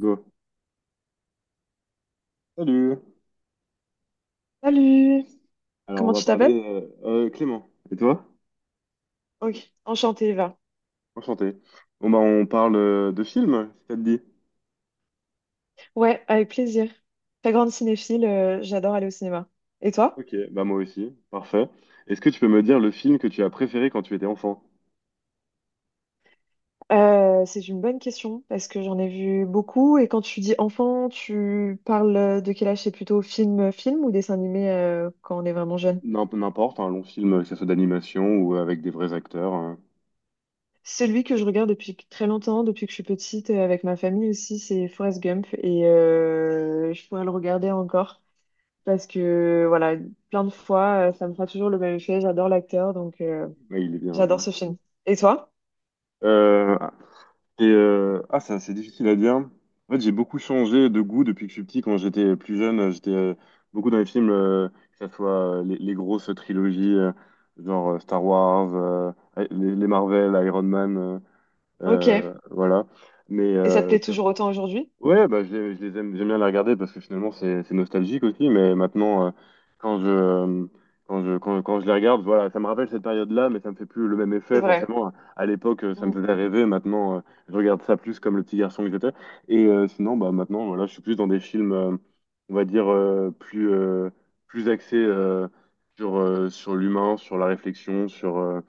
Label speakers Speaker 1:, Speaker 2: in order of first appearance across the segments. Speaker 1: Go. Salut.
Speaker 2: Salut!
Speaker 1: Alors, on
Speaker 2: Comment
Speaker 1: va
Speaker 2: tu
Speaker 1: parler.
Speaker 2: t'appelles?
Speaker 1: Clément. Et toi?
Speaker 2: Ok, enchantée Eva.
Speaker 1: Enchanté. Bon, bah, on parle de films, si ça te dit.
Speaker 2: Ouais, avec plaisir. Très grande cinéphile, j'adore aller au cinéma. Et toi?
Speaker 1: Ok, bah, moi aussi. Parfait. Est-ce que tu peux me dire le film que tu as préféré quand tu étais enfant?
Speaker 2: C'est une bonne question parce que j'en ai vu beaucoup et quand tu dis enfant, tu parles de quel âge? C'est plutôt film ou dessin animé quand on est vraiment jeune?
Speaker 1: N'importe, un long film, que ce soit d'animation ou avec des vrais acteurs, hein.
Speaker 2: Celui que je regarde depuis très longtemps, depuis que je suis petite, avec ma famille aussi, c'est Forrest Gump et je pourrais le regarder encore parce que voilà, plein de fois, ça me fera toujours le même effet. J'adore l'acteur donc.
Speaker 1: Ouais, il est bien,
Speaker 2: J'adore
Speaker 1: ouais.
Speaker 2: ce film. Et toi?
Speaker 1: Euh, ah, ça, c'est difficile à dire. En fait, j'ai beaucoup changé de goût depuis que je suis petit. Quand j'étais plus jeune, j'étais beaucoup dans les films, que ce soit les grosses trilogies, genre Star Wars, les Marvel, Iron Man,
Speaker 2: Ok.
Speaker 1: voilà. Mais
Speaker 2: Et ça te
Speaker 1: euh,
Speaker 2: plaît toujours autant aujourd'hui?
Speaker 1: Ouais, bah, je les aime, j'aime bien les regarder parce que finalement c'est nostalgique aussi, mais maintenant quand je euh, quand je les regarde, voilà, ça me rappelle cette période-là, mais ça me fait plus le même
Speaker 2: C'est
Speaker 1: effet
Speaker 2: vrai.
Speaker 1: forcément. À l'époque, ça me
Speaker 2: Mm.
Speaker 1: faisait rêver, maintenant je regarde ça plus comme le petit garçon que j'étais. Et sinon, bah maintenant, voilà, je suis plus dans des films, on va dire plus plus axés sur sur l'humain, sur la réflexion, sur euh,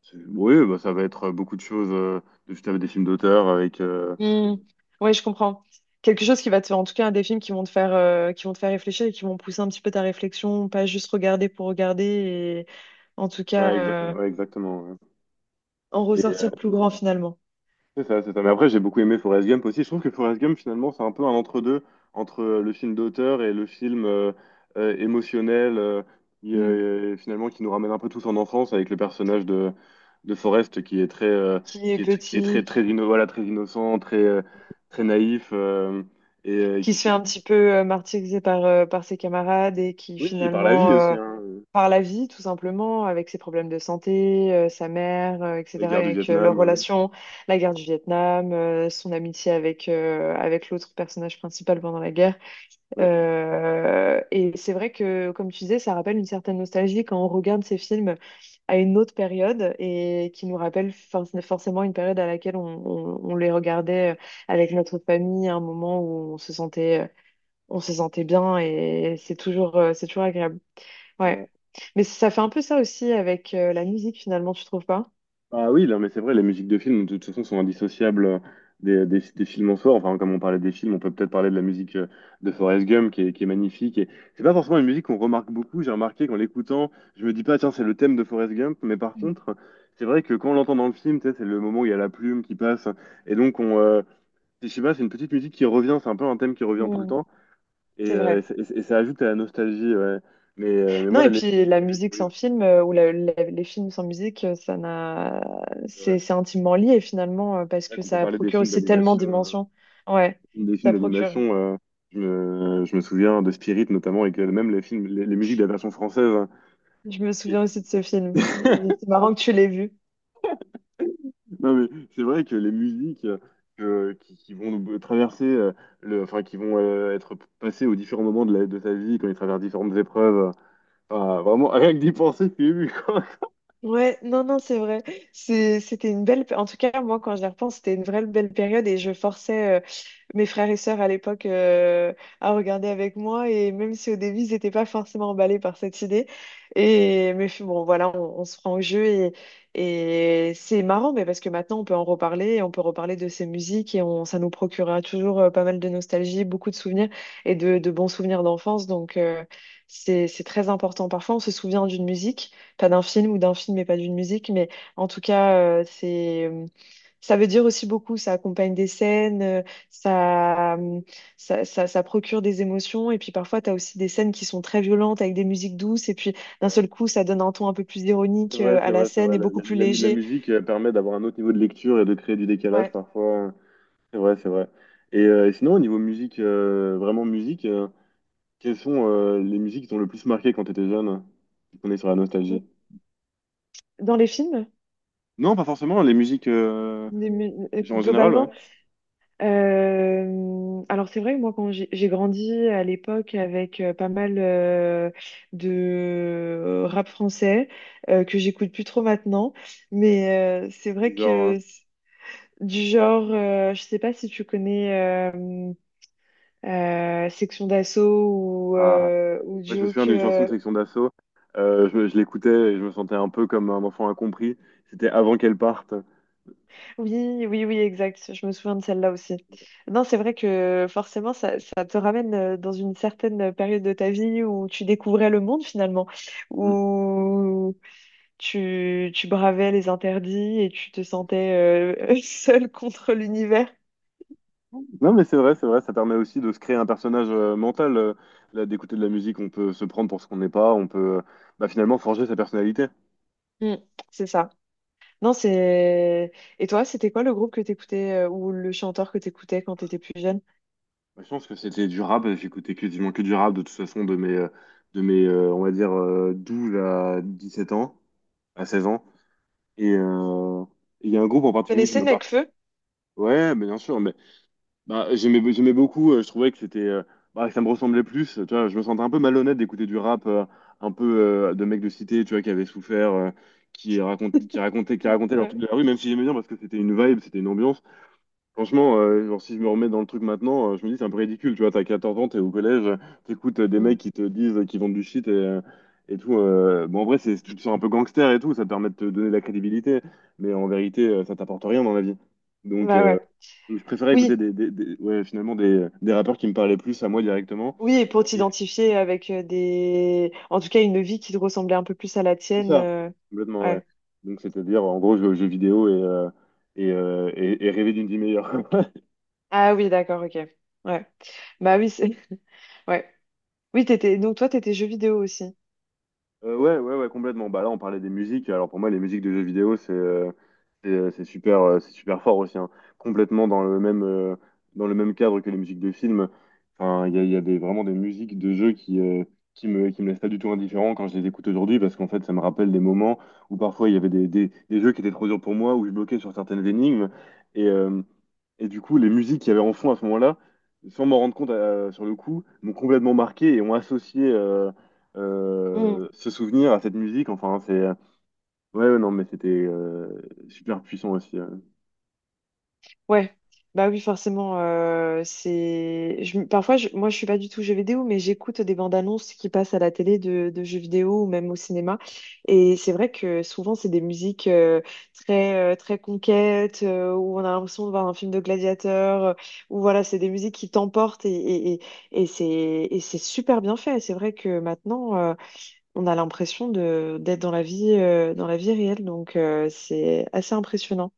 Speaker 1: sur- oui, bah, ça va être beaucoup de choses. Je des films d'auteur avec
Speaker 2: Mm. Ouais, je comprends. Quelque chose qui va te faire, en tout cas, des films qui vont te faire, qui vont te faire réfléchir et qui vont pousser un petit peu ta réflexion, pas juste regarder pour regarder et en tout cas
Speaker 1: ouais,
Speaker 2: euh,
Speaker 1: ouais, exactement, ouais.
Speaker 2: en
Speaker 1: Et
Speaker 2: ressortir plus grand finalement.
Speaker 1: c'est ça, c'est ça. Mais après, j'ai beaucoup aimé Forrest Gump aussi. Je trouve que Forrest Gump, finalement, c'est un peu un entre-deux entre le film d'auteur et le film émotionnel, qui,
Speaker 2: Mm.
Speaker 1: finalement, qui nous ramène un peu tous en enfance avec le personnage de Forrest qui est très, euh,
Speaker 2: Qui est
Speaker 1: qui est, qui est très,
Speaker 2: petit,
Speaker 1: très, voilà, très innocent, très, très naïf, et
Speaker 2: qui se fait un petit peu martyriser par, par ses camarades et qui
Speaker 1: oui, et par la vie
Speaker 2: finalement
Speaker 1: aussi, hein,
Speaker 2: par la vie, tout simplement, avec ses problèmes de santé, sa mère,
Speaker 1: la
Speaker 2: etc.,
Speaker 1: guerre du
Speaker 2: avec leur
Speaker 1: Vietnam.
Speaker 2: relation, la guerre du Vietnam, son amitié avec, avec l'autre personnage principal pendant la guerre.
Speaker 1: euh,
Speaker 2: Et c'est vrai que, comme tu disais, ça rappelle une certaine nostalgie quand on regarde ces films à une autre période et qui nous rappelle forcément une période à laquelle on les regardait avec notre famille, à un moment où on se sentait bien et c'est toujours agréable. Ouais.
Speaker 1: ouais.
Speaker 2: Mais ça fait un peu ça aussi avec la musique finalement, tu trouves pas?
Speaker 1: Ah oui, non, mais c'est vrai, les musiques de films, de toute façon, sont indissociables des films en soi. Enfin, comme on parlait des films, on peut peut-être parler de la musique de Forrest Gump, qui est magnifique. Et c'est pas forcément une musique qu'on remarque beaucoup. J'ai remarqué qu'en l'écoutant, je me dis pas, tiens, c'est le thème de Forrest Gump. Mais par
Speaker 2: Mm.
Speaker 1: contre, c'est vrai que quand on l'entend dans le film, tu sais, c'est le moment où il y a la plume qui passe. Et donc, je sais pas, c'est une petite musique qui revient. C'est un peu un thème qui revient tout le
Speaker 2: Mm.
Speaker 1: temps. Et,
Speaker 2: C'est
Speaker 1: euh, et,
Speaker 2: vrai.
Speaker 1: ça et ça- et ça ajoute à la nostalgie. Ouais. Mais
Speaker 2: Non,
Speaker 1: moi,
Speaker 2: et puis la musique
Speaker 1: oui,
Speaker 2: sans film ou les films sans musique, ça n'a,
Speaker 1: c'est vrai.
Speaker 2: c'est intimement lié finalement parce
Speaker 1: C'est vrai
Speaker 2: que
Speaker 1: qu'on peut
Speaker 2: ça
Speaker 1: parler des
Speaker 2: procure
Speaker 1: films
Speaker 2: aussi tellement
Speaker 1: d'animation.
Speaker 2: d'émotions. Ouais,
Speaker 1: Des films
Speaker 2: ça procure.
Speaker 1: d'animation, je me souviens de Spirit notamment, et que même les films, les musiques de la version française, hein,
Speaker 2: Je me
Speaker 1: qui-
Speaker 2: souviens aussi de ce film. Et c'est marrant que tu l'aies vu.
Speaker 1: Non mais c'est vrai que les musiques qui vont nous traverser, enfin qui vont être passées aux différents moments de ta vie quand ils traversent différentes épreuves, enfin, vraiment rien que d'y penser, je suis ému, quoi.
Speaker 2: Ouais, non, non, c'est vrai. C'était une belle. En tout cas, moi, quand j'y repense, c'était une vraie belle période et je forçais mes frères et sœurs à l'époque à regarder avec moi, et même si au début ils n'étaient pas forcément emballés par cette idée et mais bon voilà, on se prend au jeu, et c'est marrant mais parce que maintenant on peut en reparler et on peut reparler de ces musiques et on, ça nous procurera toujours pas mal de nostalgie, beaucoup de souvenirs et de bons souvenirs d'enfance donc c'est très important. Parfois on se souvient d'une musique pas d'un film, ou d'un film mais pas d'une musique, mais en tout cas c'est, ça veut dire aussi beaucoup, ça accompagne des scènes, ça, ça procure des émotions. Et puis parfois, tu as aussi des scènes qui sont très violentes avec des musiques douces. Et puis d'un seul coup, ça donne un ton un peu plus
Speaker 1: C'est
Speaker 2: ironique
Speaker 1: vrai, c'est
Speaker 2: à la
Speaker 1: vrai, c'est
Speaker 2: scène
Speaker 1: vrai.
Speaker 2: et
Speaker 1: La,
Speaker 2: beaucoup
Speaker 1: la-
Speaker 2: plus
Speaker 1: la- la
Speaker 2: léger.
Speaker 1: musique permet d'avoir un autre niveau de lecture et de créer du décalage
Speaker 2: Ouais.
Speaker 1: parfois. C'est vrai, c'est vrai. Et sinon, au niveau musique, vraiment musique. Quelles sont les musiques qui t'ont le plus marqué quand t'étais jeune? On est sur la nostalgie.
Speaker 2: Dans les films,
Speaker 1: Non, pas forcément, les musiques genre, en général, ouais.
Speaker 2: globalement, alors c'est vrai que moi, quand j'ai grandi à l'époque avec pas mal de rap français que j'écoute plus trop maintenant. Mais c'est vrai
Speaker 1: Du genre,
Speaker 2: que du genre, je sais pas si tu connais. euh, Section d'Assaut
Speaker 1: ah,
Speaker 2: ou
Speaker 1: ouais, je me souviens
Speaker 2: Joke.
Speaker 1: d'une chanson
Speaker 2: Euh,
Speaker 1: de Section d'Assaut. Je l'écoutais et je me sentais un peu comme un enfant incompris. C'était avant qu'elle parte.
Speaker 2: oui, oui, oui, exact. Je me souviens de celle-là aussi. Non, c'est vrai que forcément, ça te ramène dans une certaine période de ta vie où tu découvrais le monde finalement,
Speaker 1: Mm.
Speaker 2: où tu bravais les interdits et tu te sentais seul contre l'univers.
Speaker 1: Non, mais c'est vrai, ça permet aussi de se créer un personnage mental. Là, d'écouter de la musique, on peut se prendre pour ce qu'on n'est pas, on peut bah, finalement forger sa personnalité.
Speaker 2: Mm, c'est ça. Non, c'est... Et toi, c'était quoi le groupe que t'écoutais ou le chanteur que t'écoutais quand t'étais plus jeune?
Speaker 1: Moi, je pense que c'était du rap, j'écoutais quasiment que du rap de toute façon de mes, on va dire, 12 à sept ans, à 16 ans. Et il y a un groupe en
Speaker 2: Tu
Speaker 1: particulier qui
Speaker 2: connaissais
Speaker 1: m'a marqué.
Speaker 2: Nekfeu?
Speaker 1: Ouais, mais bien sûr, mais bah, j'aimais beaucoup, je trouvais que c'était, bah, que ça me ressemblait plus. Tu vois, je me sentais un peu malhonnête d'écouter du rap un peu de mecs de cité, tu vois, qui avaient souffert, qui racontent, qui racontaient, qui racontaient leur
Speaker 2: Ouais.
Speaker 1: truc de la rue, même si j'aimais bien parce que c'était une vibe, c'était une ambiance. Franchement, genre, si je me remets dans le truc maintenant, je me dis c'est un peu ridicule, tu vois, t'as 14 ans, t'es au collège, t'écoutes des mecs qui te disent qu'ils vendent du shit et tout. Bon, en vrai, tu te sens un peu gangster et tout, ça te permet de te donner de la crédibilité, mais en vérité, ça t'apporte rien dans la vie. Donc,
Speaker 2: Bah ouais.
Speaker 1: je préférais écouter
Speaker 2: Oui,
Speaker 1: ouais, finalement des rappeurs qui me parlaient plus à moi directement.
Speaker 2: oui, et pour
Speaker 1: Et
Speaker 2: t'identifier avec des, en tout cas, une vie qui te ressemblait un peu plus à la
Speaker 1: c'est
Speaker 2: tienne.
Speaker 1: ça,
Speaker 2: Euh,
Speaker 1: complètement, ouais.
Speaker 2: ouais.
Speaker 1: Donc, c'est-à-dire, en gros, jouer aux jeux vidéo et rêver d'une vie meilleure.
Speaker 2: Ah oui, d'accord, ok. Ouais. Bah oui, c'est. Ouais. Oui, t'étais. Donc toi, t'étais jeux vidéo aussi.
Speaker 1: Ouais, ouais, ouais, complètement. Bah là, on parlait des musiques. Alors pour moi, les musiques de jeux vidéo, c'est super fort aussi, hein. Complètement dans le même cadre que les musiques de films. Enfin, il y a vraiment des musiques de jeux qui me laissent pas du tout indifférent quand je les écoute aujourd'hui parce qu'en fait, ça me rappelle des moments où parfois il y avait des jeux qui étaient trop durs pour moi, où je bloquais sur certaines énigmes et euh, et du coup, les musiques qu'il y avait en fond à ce moment-là, sans m'en rendre compte sur le coup, m'ont complètement marqué et ont associé
Speaker 2: Mmh.
Speaker 1: ce souvenir à cette musique. Enfin, c'est. Ouais, ouais, non, mais c'était super puissant aussi.
Speaker 2: Ouais, bah oui, forcément. C'est... je me- parfois, moi, je suis pas du tout jeux vidéo, mais j'écoute des bandes annonces qui passent à la télé de jeux vidéo ou même au cinéma. Et c'est vrai que souvent, c'est des musiques très, très conquêtes, où on a l'impression de voir un film de gladiateur, où voilà, c'est des musiques qui t'emportent et c'est super bien fait. C'est vrai que maintenant, on a l'impression de, d'être dans la vie réelle, donc c'est assez impressionnant.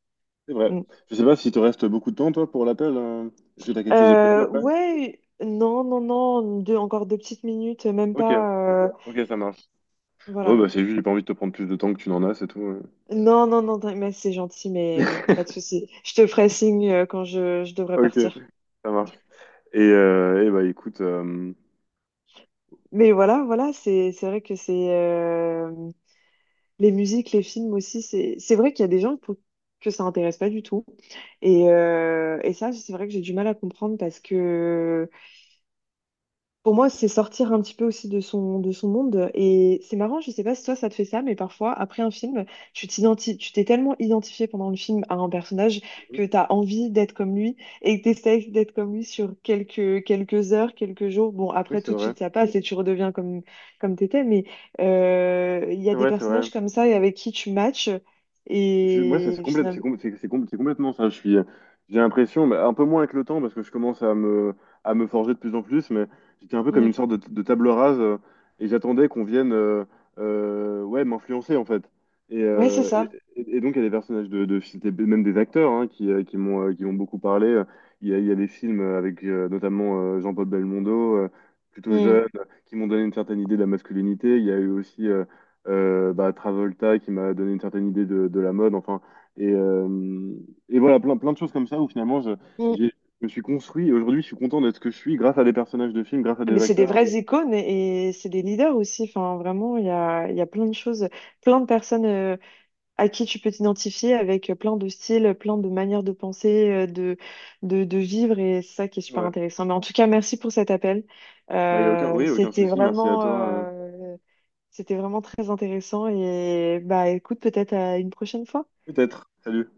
Speaker 1: C'est vrai.
Speaker 2: Mm.
Speaker 1: Je sais pas si te reste beaucoup de temps, toi, pour l'appel. Est-ce que t'as quelque chose de prévu après?
Speaker 2: Ouais, non, non, non, deux, encore deux petites minutes, même
Speaker 1: Ok,
Speaker 2: pas. Euh,
Speaker 1: ok, ça marche. Bon,
Speaker 2: voilà.
Speaker 1: bah, c'est juste, j'ai pas envie de te prendre plus de temps que tu n'en as, c'est tout.
Speaker 2: Non, non, non, mais c'est gentil, mais pas de souci. Je te ferai signe quand je devrais
Speaker 1: Ok,
Speaker 2: partir.
Speaker 1: ça marche. Et, eh bah, écoute.
Speaker 2: Mais voilà, voilà, c'est vrai que c'est les musiques, les films aussi, c'est vrai qu'il y a des gens pour que ça intéresse pas du tout. Et ça, c'est vrai que j'ai du mal à comprendre parce que pour moi, c'est sortir un petit peu aussi de son monde. Et c'est marrant, je sais pas si toi ça te fait ça, mais parfois, après un film, tu t'es tellement identifié pendant le film à un personnage que tu as envie d'être comme lui et que t'essayes d'être comme lui sur quelques heures, quelques jours. Bon,
Speaker 1: Oui,
Speaker 2: après,
Speaker 1: c'est
Speaker 2: tout de
Speaker 1: vrai.
Speaker 2: suite, ça passe et tu redeviens comme, comme t'étais. Mais il y a
Speaker 1: C'est
Speaker 2: des
Speaker 1: vrai, c'est vrai.
Speaker 2: personnages comme ça et avec qui tu matches.
Speaker 1: Moi, ça,
Speaker 2: Et
Speaker 1: c'est complète,
Speaker 2: finalement,
Speaker 1: c'est com- c'est complètement ça. J'ai l'impression, bah, un peu moins avec le temps, parce que je commence à me forger de plus en plus, mais j'étais un peu comme une
Speaker 2: mm,
Speaker 1: sorte de table rase, et j'attendais qu'on vienne ouais, m'influencer, en fait. Et,
Speaker 2: ouais, c'est
Speaker 1: euh, et,
Speaker 2: ça.
Speaker 1: et donc, il y a des personnages de films, et même des acteurs, hein, qui m'ont beaucoup parlé. Il y a des films avec notamment Jean-Paul Belmondo, plutôt jeune, qui m'ont donné une certaine idée de la masculinité. Il y a eu aussi bah, Travolta qui m'a donné une certaine idée de la mode, enfin, et, euh, et voilà, plein, plein de choses comme ça où finalement
Speaker 2: Mm.
Speaker 1: j'ai- je me suis construit, et aujourd'hui je suis content d'être ce que je suis grâce à des personnages de films, grâce à
Speaker 2: Ah,
Speaker 1: des
Speaker 2: mais c'est des
Speaker 1: acteurs.
Speaker 2: vraies icônes et c'est des leaders aussi. Enfin, vraiment, il y a plein de choses, plein de personnes à qui tu peux t'identifier avec plein de styles, plein de manières de penser, de vivre et c'est ça qui est super
Speaker 1: Ouais.
Speaker 2: intéressant. Mais en tout cas, merci pour cet appel.
Speaker 1: Bah, y a aucun, oui, aucun
Speaker 2: C'était
Speaker 1: souci, merci à
Speaker 2: vraiment,
Speaker 1: toi.
Speaker 2: c'était vraiment très intéressant et bah écoute, peut-être à une prochaine fois.
Speaker 1: Peut-être. Salut.